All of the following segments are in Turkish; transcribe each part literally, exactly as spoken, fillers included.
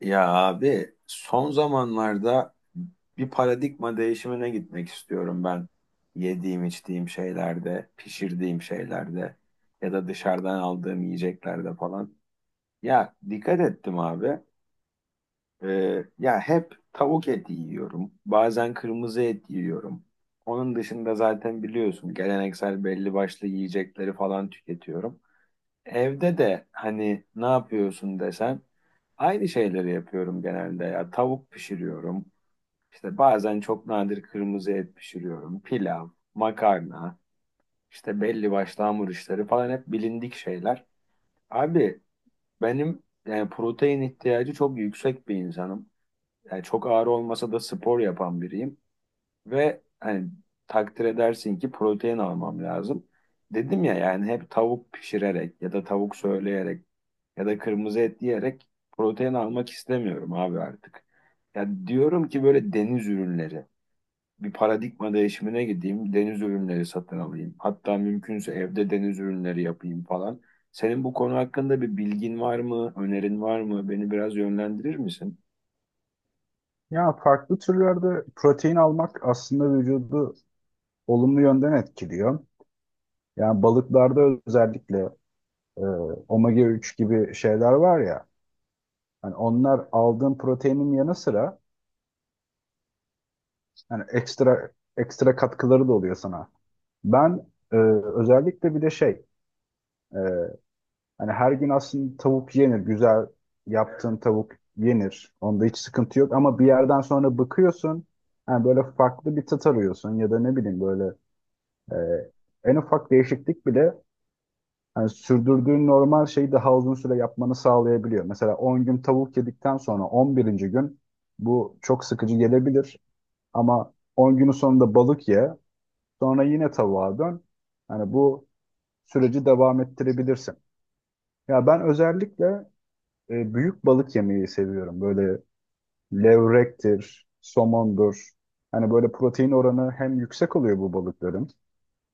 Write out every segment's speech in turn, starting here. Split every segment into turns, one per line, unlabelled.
Ya abi, son zamanlarda bir paradigma değişimine gitmek istiyorum ben. Yediğim, içtiğim şeylerde, pişirdiğim şeylerde ya da dışarıdan aldığım yiyeceklerde falan. Ya dikkat ettim abi. Ee, ya hep tavuk eti yiyorum. Bazen kırmızı et yiyorum. Onun dışında zaten biliyorsun geleneksel belli başlı yiyecekleri falan tüketiyorum. Evde de hani ne yapıyorsun desen, aynı şeyleri yapıyorum genelde ya. Tavuk pişiriyorum. İşte bazen çok nadir kırmızı et pişiriyorum. Pilav, makarna, işte belli başlı hamur işleri falan, hep bilindik şeyler. Abi, benim yani protein ihtiyacı çok yüksek bir insanım. Yani çok ağır olmasa da spor yapan biriyim. Ve hani, takdir edersin ki protein almam lazım. Dedim ya, yani hep tavuk pişirerek ya da tavuk söyleyerek ya da kırmızı et diyerek protein almak istemiyorum abi artık. Ya diyorum ki, böyle deniz ürünleri. Bir paradigma değişimine gideyim, deniz ürünleri satın alayım. Hatta mümkünse evde deniz ürünleri yapayım falan. Senin bu konu hakkında bir bilgin var mı, önerin var mı? Beni biraz yönlendirir misin?
Ya farklı türlerde protein almak aslında vücudu olumlu yönden etkiliyor. Yani balıklarda özellikle e, omega üç gibi şeyler var ya. Hani onlar aldığın proteinin yanı sıra hani ekstra ekstra katkıları da oluyor sana. Ben e, özellikle bir de şey e, hani her gün aslında tavuk yenir. Güzel yaptığın tavuk yenir. Onda hiç sıkıntı yok ama bir yerden sonra bıkıyorsun. Yani böyle farklı bir tat arıyorsun ya da ne bileyim böyle Ee, En ufak değişiklik bile hani sürdürdüğün normal şeyi daha uzun süre yapmanı sağlayabiliyor. Mesela on gün tavuk yedikten sonra on birinci gün bu çok sıkıcı gelebilir ama on günün sonunda balık ye, sonra yine tavuğa dön. Yani bu süreci devam ettirebilirsin. Ya ben özellikle e, büyük balık yemeyi seviyorum. Böyle levrektir, somondur. Hani böyle protein oranı hem yüksek oluyor bu balıkların,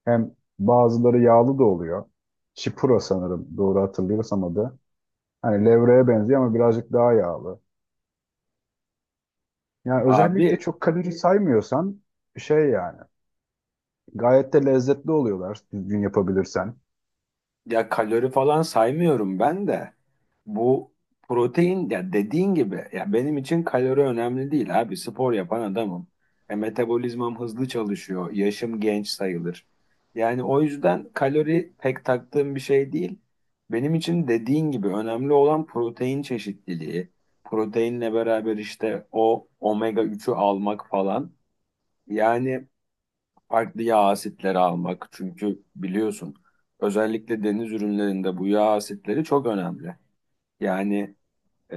hem bazıları yağlı da oluyor. Chipura sanırım doğru hatırlıyorsam adı. Hani levreye benziyor ama birazcık daha yağlı. Yani özellikle
Abi,
çok kalori saymıyorsan şey yani gayet de lezzetli oluyorlar düzgün yapabilirsen.
ya kalori falan saymıyorum ben de. Bu protein, ya dediğin gibi, ya benim için kalori önemli değil abi. Spor yapan adamım. E, metabolizmam hızlı çalışıyor. Yaşım genç sayılır. Yani o yüzden kalori pek taktığım bir şey değil. Benim için dediğin gibi önemli olan protein çeşitliliği. Proteinle beraber işte o omega üçü almak falan. Yani farklı yağ asitleri almak. Çünkü biliyorsun, özellikle deniz ürünlerinde bu yağ asitleri çok önemli. Yani e,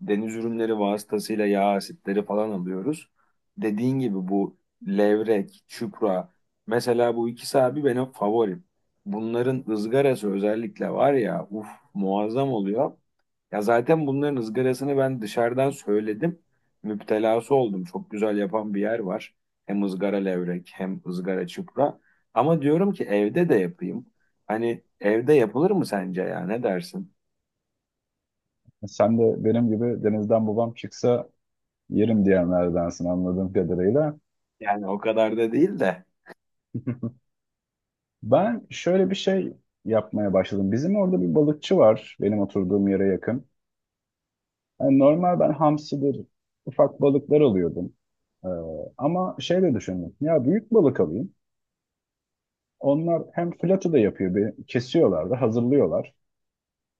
deniz ürünleri vasıtasıyla yağ asitleri falan alıyoruz. Dediğin gibi bu levrek, çupra, mesela bu ikisi abi benim favorim. Bunların ızgarası özellikle, var ya, uf, muazzam oluyor. Ya zaten bunların ızgarasını ben dışarıdan söyledim. Müptelası oldum. Çok güzel yapan bir yer var. Hem ızgara levrek hem ızgara çupra. Ama diyorum ki evde de yapayım. Hani evde yapılır mı sence, ya ne dersin?
Sen de benim gibi denizden babam çıksa yerim diyenlerdensin anladığım kadarıyla.
Yani o kadar da değil de.
Ben şöyle bir şey yapmaya başladım. Bizim orada bir balıkçı var benim oturduğum yere yakın. Yani normal ben hamsidir, ufak balıklar alıyordum. Ee, ama şey de düşündüm. Ya büyük balık alayım. Onlar hem flatı da yapıyor. Bir, kesiyorlar da hazırlıyorlar.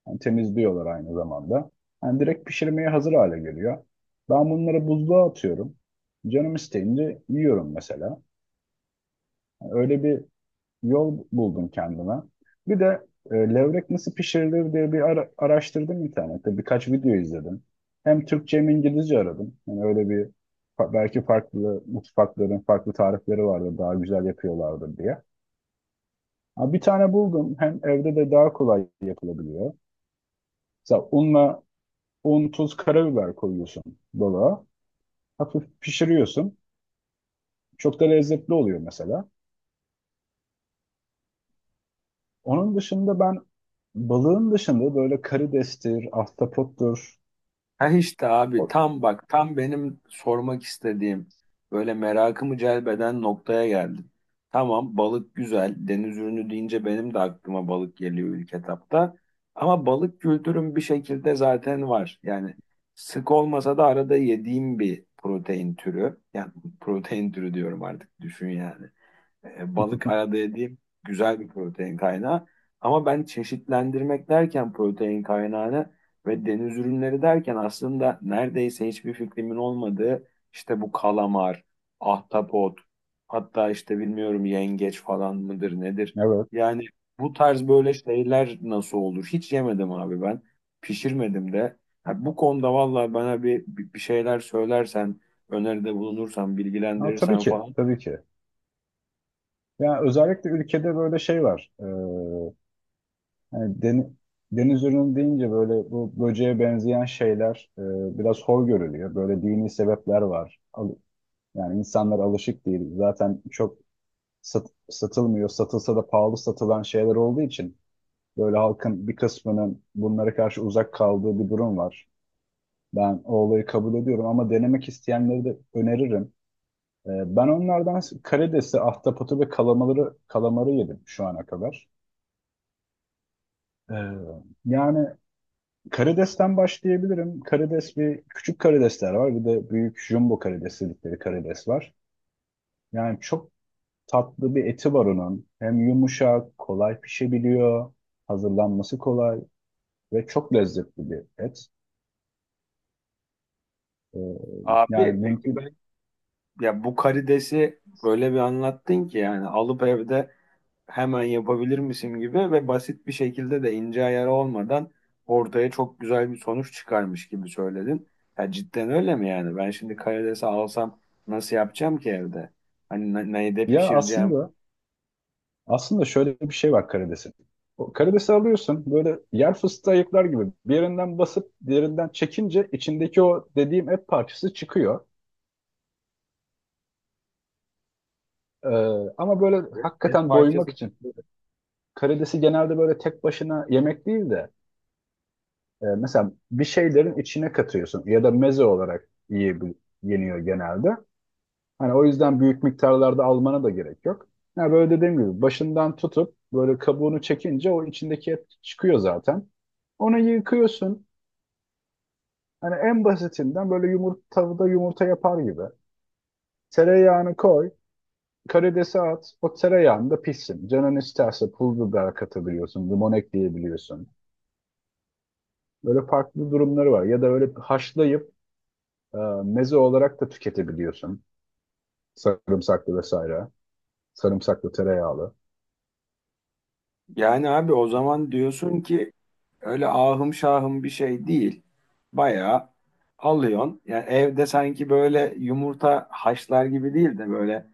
Yani temizliyorlar aynı zamanda. Yani direkt pişirmeye hazır hale geliyor. Ben bunları buzluğa atıyorum. Canım isteyince yiyorum mesela. Yani öyle bir yol buldum kendime. Bir de e, levrek nasıl pişirilir diye bir ara- araştırdım internette. Birkaç video izledim. Hem Türkçe hem İngilizce aradım. Yani öyle bir fa- belki farklı mutfakların farklı tarifleri vardı daha güzel yapıyorlardı diye. Ha, bir tane buldum. Hem evde de daha kolay yapılabiliyor. Mesela unla un, tuz, karabiber koyuyorsun dolaba. Hafif pişiriyorsun. Çok da lezzetli oluyor mesela. Onun dışında ben balığın dışında böyle karidestir, ahtapottur,
Ha işte abi,
O-
tam bak, tam benim sormak istediğim, böyle merakımı celbeden noktaya geldim. Tamam, balık güzel, deniz ürünü deyince benim de aklıma balık geliyor ilk etapta. Ama balık kültürüm bir şekilde zaten var. Yani sık olmasa da arada yediğim bir protein türü. Yani protein türü diyorum artık, düşün yani. E, balık arada yediğim güzel bir protein kaynağı. Ama ben çeşitlendirmek derken protein kaynağını ve deniz ürünleri derken, aslında neredeyse hiçbir fikrimin olmadığı işte bu kalamar, ahtapot, hatta işte bilmiyorum yengeç falan mıdır nedir?
Evet.
Yani bu tarz böyle şeyler nasıl olur? Hiç yemedim abi ben. Pişirmedim de. Ha, bu konuda vallahi bana bir, bir şeyler söylersen, öneride bulunursan,
Ha, tabii
bilgilendirirsen
ki,
falan.
tabii ki. Yani özellikle ülkede böyle şey var. Ee, hani deni- deniz ürünü deyince böyle bu böceğe benzeyen şeyler e, biraz hor görülüyor. Böyle dini sebepler var. Al- yani insanlar alışık değil. Zaten çok sat- satılmıyor. Satılsa da pahalı satılan şeyler olduğu için böyle halkın bir kısmının bunlara karşı uzak kaldığı bir durum var. Ben o olayı kabul ediyorum ama denemek isteyenleri de öneririm. Ee, Ben onlardan karidesi, ahtapotu ve kalamarı, kalamarı yedim şu ana kadar. Ee, yani karidesten başlayabilirim. Karides bir küçük karidesler var. Bir de büyük jumbo karides dedikleri karides var. Yani çok tatlı bir eti var onun. Hem yumuşak, kolay pişebiliyor. Hazırlanması kolay ve çok lezzetli bir et. Ee, yani
Abi peki ben,
mümkün.
ya bu karidesi böyle bir anlattın ki, yani alıp evde hemen yapabilir misin gibi ve basit bir şekilde de, ince ayarı olmadan ortaya çok güzel bir sonuç çıkarmış gibi söyledin. Ya cidden öyle mi yani? Ben şimdi karidesi alsam nasıl yapacağım ki evde? Hani ne- neyde
Ya
pişireceğim?
aslında Aslında şöyle bir şey var karidesin. O karidesi alıyorsun böyle yer fıstığı ayıklar gibi bir yerinden basıp diğerinden çekince içindeki o dediğim et parçası çıkıyor. Ee, ama böyle
Et
hakikaten doymak
parçası.
için karidesi genelde böyle tek başına yemek değil de e, mesela bir şeylerin içine katıyorsun ya da meze olarak yiyebil yeniyor genelde. Hani o yüzden büyük miktarlarda almana da gerek yok. Ya böyle dediğim gibi başından tutup böyle kabuğunu çekince o içindeki et çıkıyor zaten. Onu yıkıyorsun. Hani en basitinden böyle yumurta tavada yumurta yapar gibi. Tereyağını koy, karidesi at. O tereyağında pişsin. Canın isterse pul biber katabiliyorsun, limon ekleyebiliyorsun. Böyle farklı durumları var. Ya da öyle haşlayıp e, meze olarak da tüketebiliyorsun. Sarımsaklı vesaire. Sarımsaklı tereyağlı.
Yani abi o zaman diyorsun ki öyle ahım şahım bir şey değil. Bayağı alıyorsun. Yani evde sanki böyle yumurta haşlar gibi değil de böyle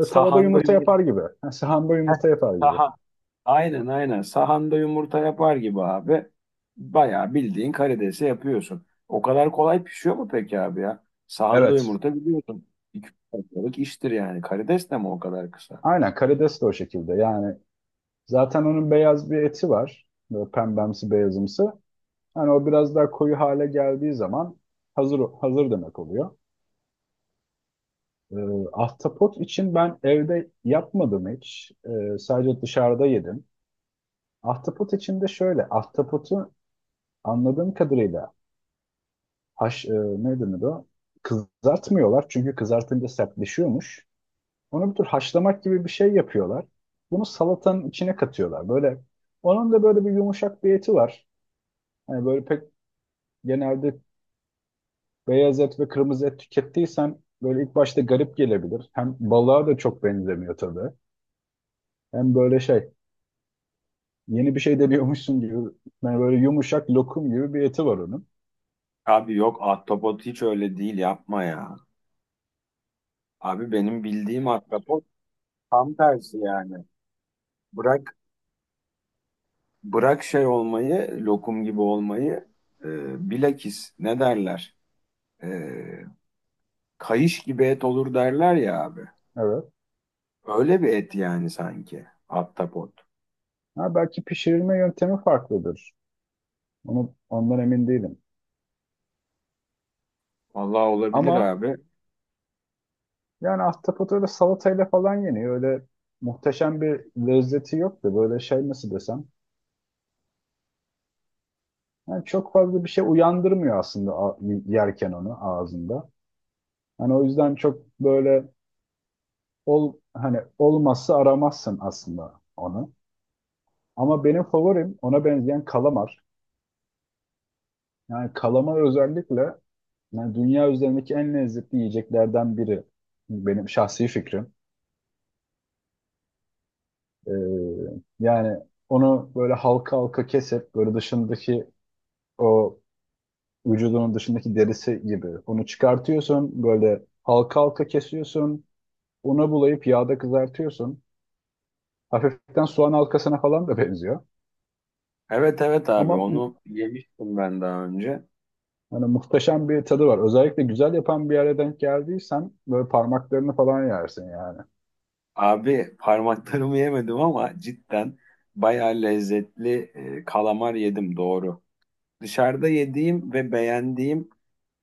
Ve tavada
sahanda
yumurta
yumurta.
yapar gibi. Ha, sahanda
Heh,
yumurta yapar gibi.
saha. Aynen, aynen. Sahanda yumurta yapar gibi abi. Bayağı bildiğin karidesi yapıyorsun. O kadar kolay pişiyor mu peki abi ya? Sahanda
Evet.
yumurta biliyorsun. İki dakikalık iştir yani. Karides de mi o kadar kısa?
Aynen karides de o şekilde. Yani zaten onun beyaz bir eti var. Böyle pembemsi beyazımsı. Hani o biraz daha koyu hale geldiği zaman hazır hazır demek oluyor. Ee, ahtapot için ben evde yapmadım hiç. Ee, sadece dışarıda yedim. Ahtapot için de şöyle, ahtapotu anladığım kadarıyla haş, e, ne denir o? Kızartmıyorlar çünkü kızartınca sertleşiyormuş. Onu bir tür haşlamak gibi bir şey yapıyorlar. Bunu salatanın içine katıyorlar. Böyle onun da böyle bir yumuşak bir eti var. Hani böyle pek genelde beyaz et ve kırmızı et tükettiysen böyle ilk başta garip gelebilir. Hem balığa da çok benzemiyor tabii. Hem böyle şey yeni bir şey deniyormuşsun gibi yani böyle yumuşak lokum gibi bir eti var onun.
Abi yok, ahtapot hiç öyle değil, yapma ya. Abi benim bildiğim ahtapot tam tersi yani. Bırak bırak şey olmayı, lokum gibi olmayı, e, bilakis ne derler? E, kayış gibi et olur derler ya abi.
Evet.
Öyle bir et yani sanki. Ahtapot.
Ha, belki pişirilme yöntemi farklıdır. Onu, ondan emin değilim.
Vallahi olabilir
Ama
abi.
yani ahtapot öyle salatayla falan yeniyor. Öyle muhteşem bir lezzeti yok da böyle şey nasıl desem. Yani çok fazla bir şey uyandırmıyor aslında a- yerken onu ağzında. Hani o yüzden çok böyle ol hani olmazsa aramazsın aslında onu. Ama benim favorim ona benzeyen kalamar. Yani kalamar özellikle yani dünya üzerindeki en lezzetli yiyeceklerden biri. Benim şahsi fikrim. Ee, yani onu böyle halka halka kesip böyle dışındaki o vücudunun dışındaki derisi gibi onu çıkartıyorsun böyle halka halka kesiyorsun una bulayıp yağda kızartıyorsun. Hafiften soğan halkasına falan da benziyor.
Evet, evet abi,
Ama
onu yemiştim ben daha önce.
hani muhteşem bir tadı var. Özellikle güzel yapan bir yere denk geldiysen böyle parmaklarını falan yersin yani.
Abi parmaklarımı yemedim ama cidden bayağı lezzetli e, kalamar yedim, doğru. Dışarıda yediğim ve beğendiğim,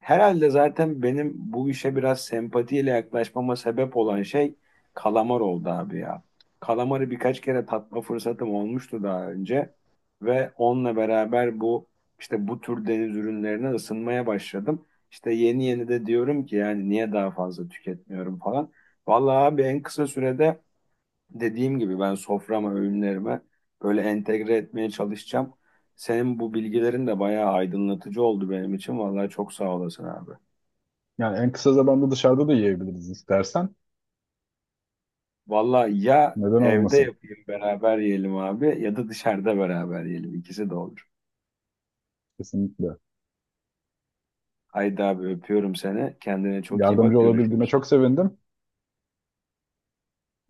herhalde zaten benim bu işe biraz sempatiyle yaklaşmama sebep olan şey kalamar oldu abi ya. Kalamarı birkaç kere tatma fırsatım olmuştu daha önce ve onunla beraber bu, işte bu tür deniz ürünlerine ısınmaya başladım. İşte yeni yeni de diyorum ki yani niye daha fazla tüketmiyorum falan. Vallahi abi en kısa sürede, dediğim gibi, ben soframa, öğünlerime böyle entegre etmeye çalışacağım. Senin bu bilgilerin de bayağı aydınlatıcı oldu benim için. Vallahi çok sağ olasın abi.
Yani en kısa zamanda dışarıda da yiyebiliriz istersen.
Valla ya,
Neden
evde
olmasın?
yapayım beraber yiyelim abi, ya da dışarıda beraber yiyelim. İkisi de olur.
Kesinlikle.
Haydi abi, öpüyorum seni. Kendine çok iyi bak,
Yardımcı olabildiğime
görüşürüz.
çok sevindim.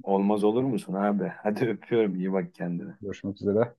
Olmaz olur musun abi? Hadi öpüyorum, iyi bak kendine.
Görüşmek üzere.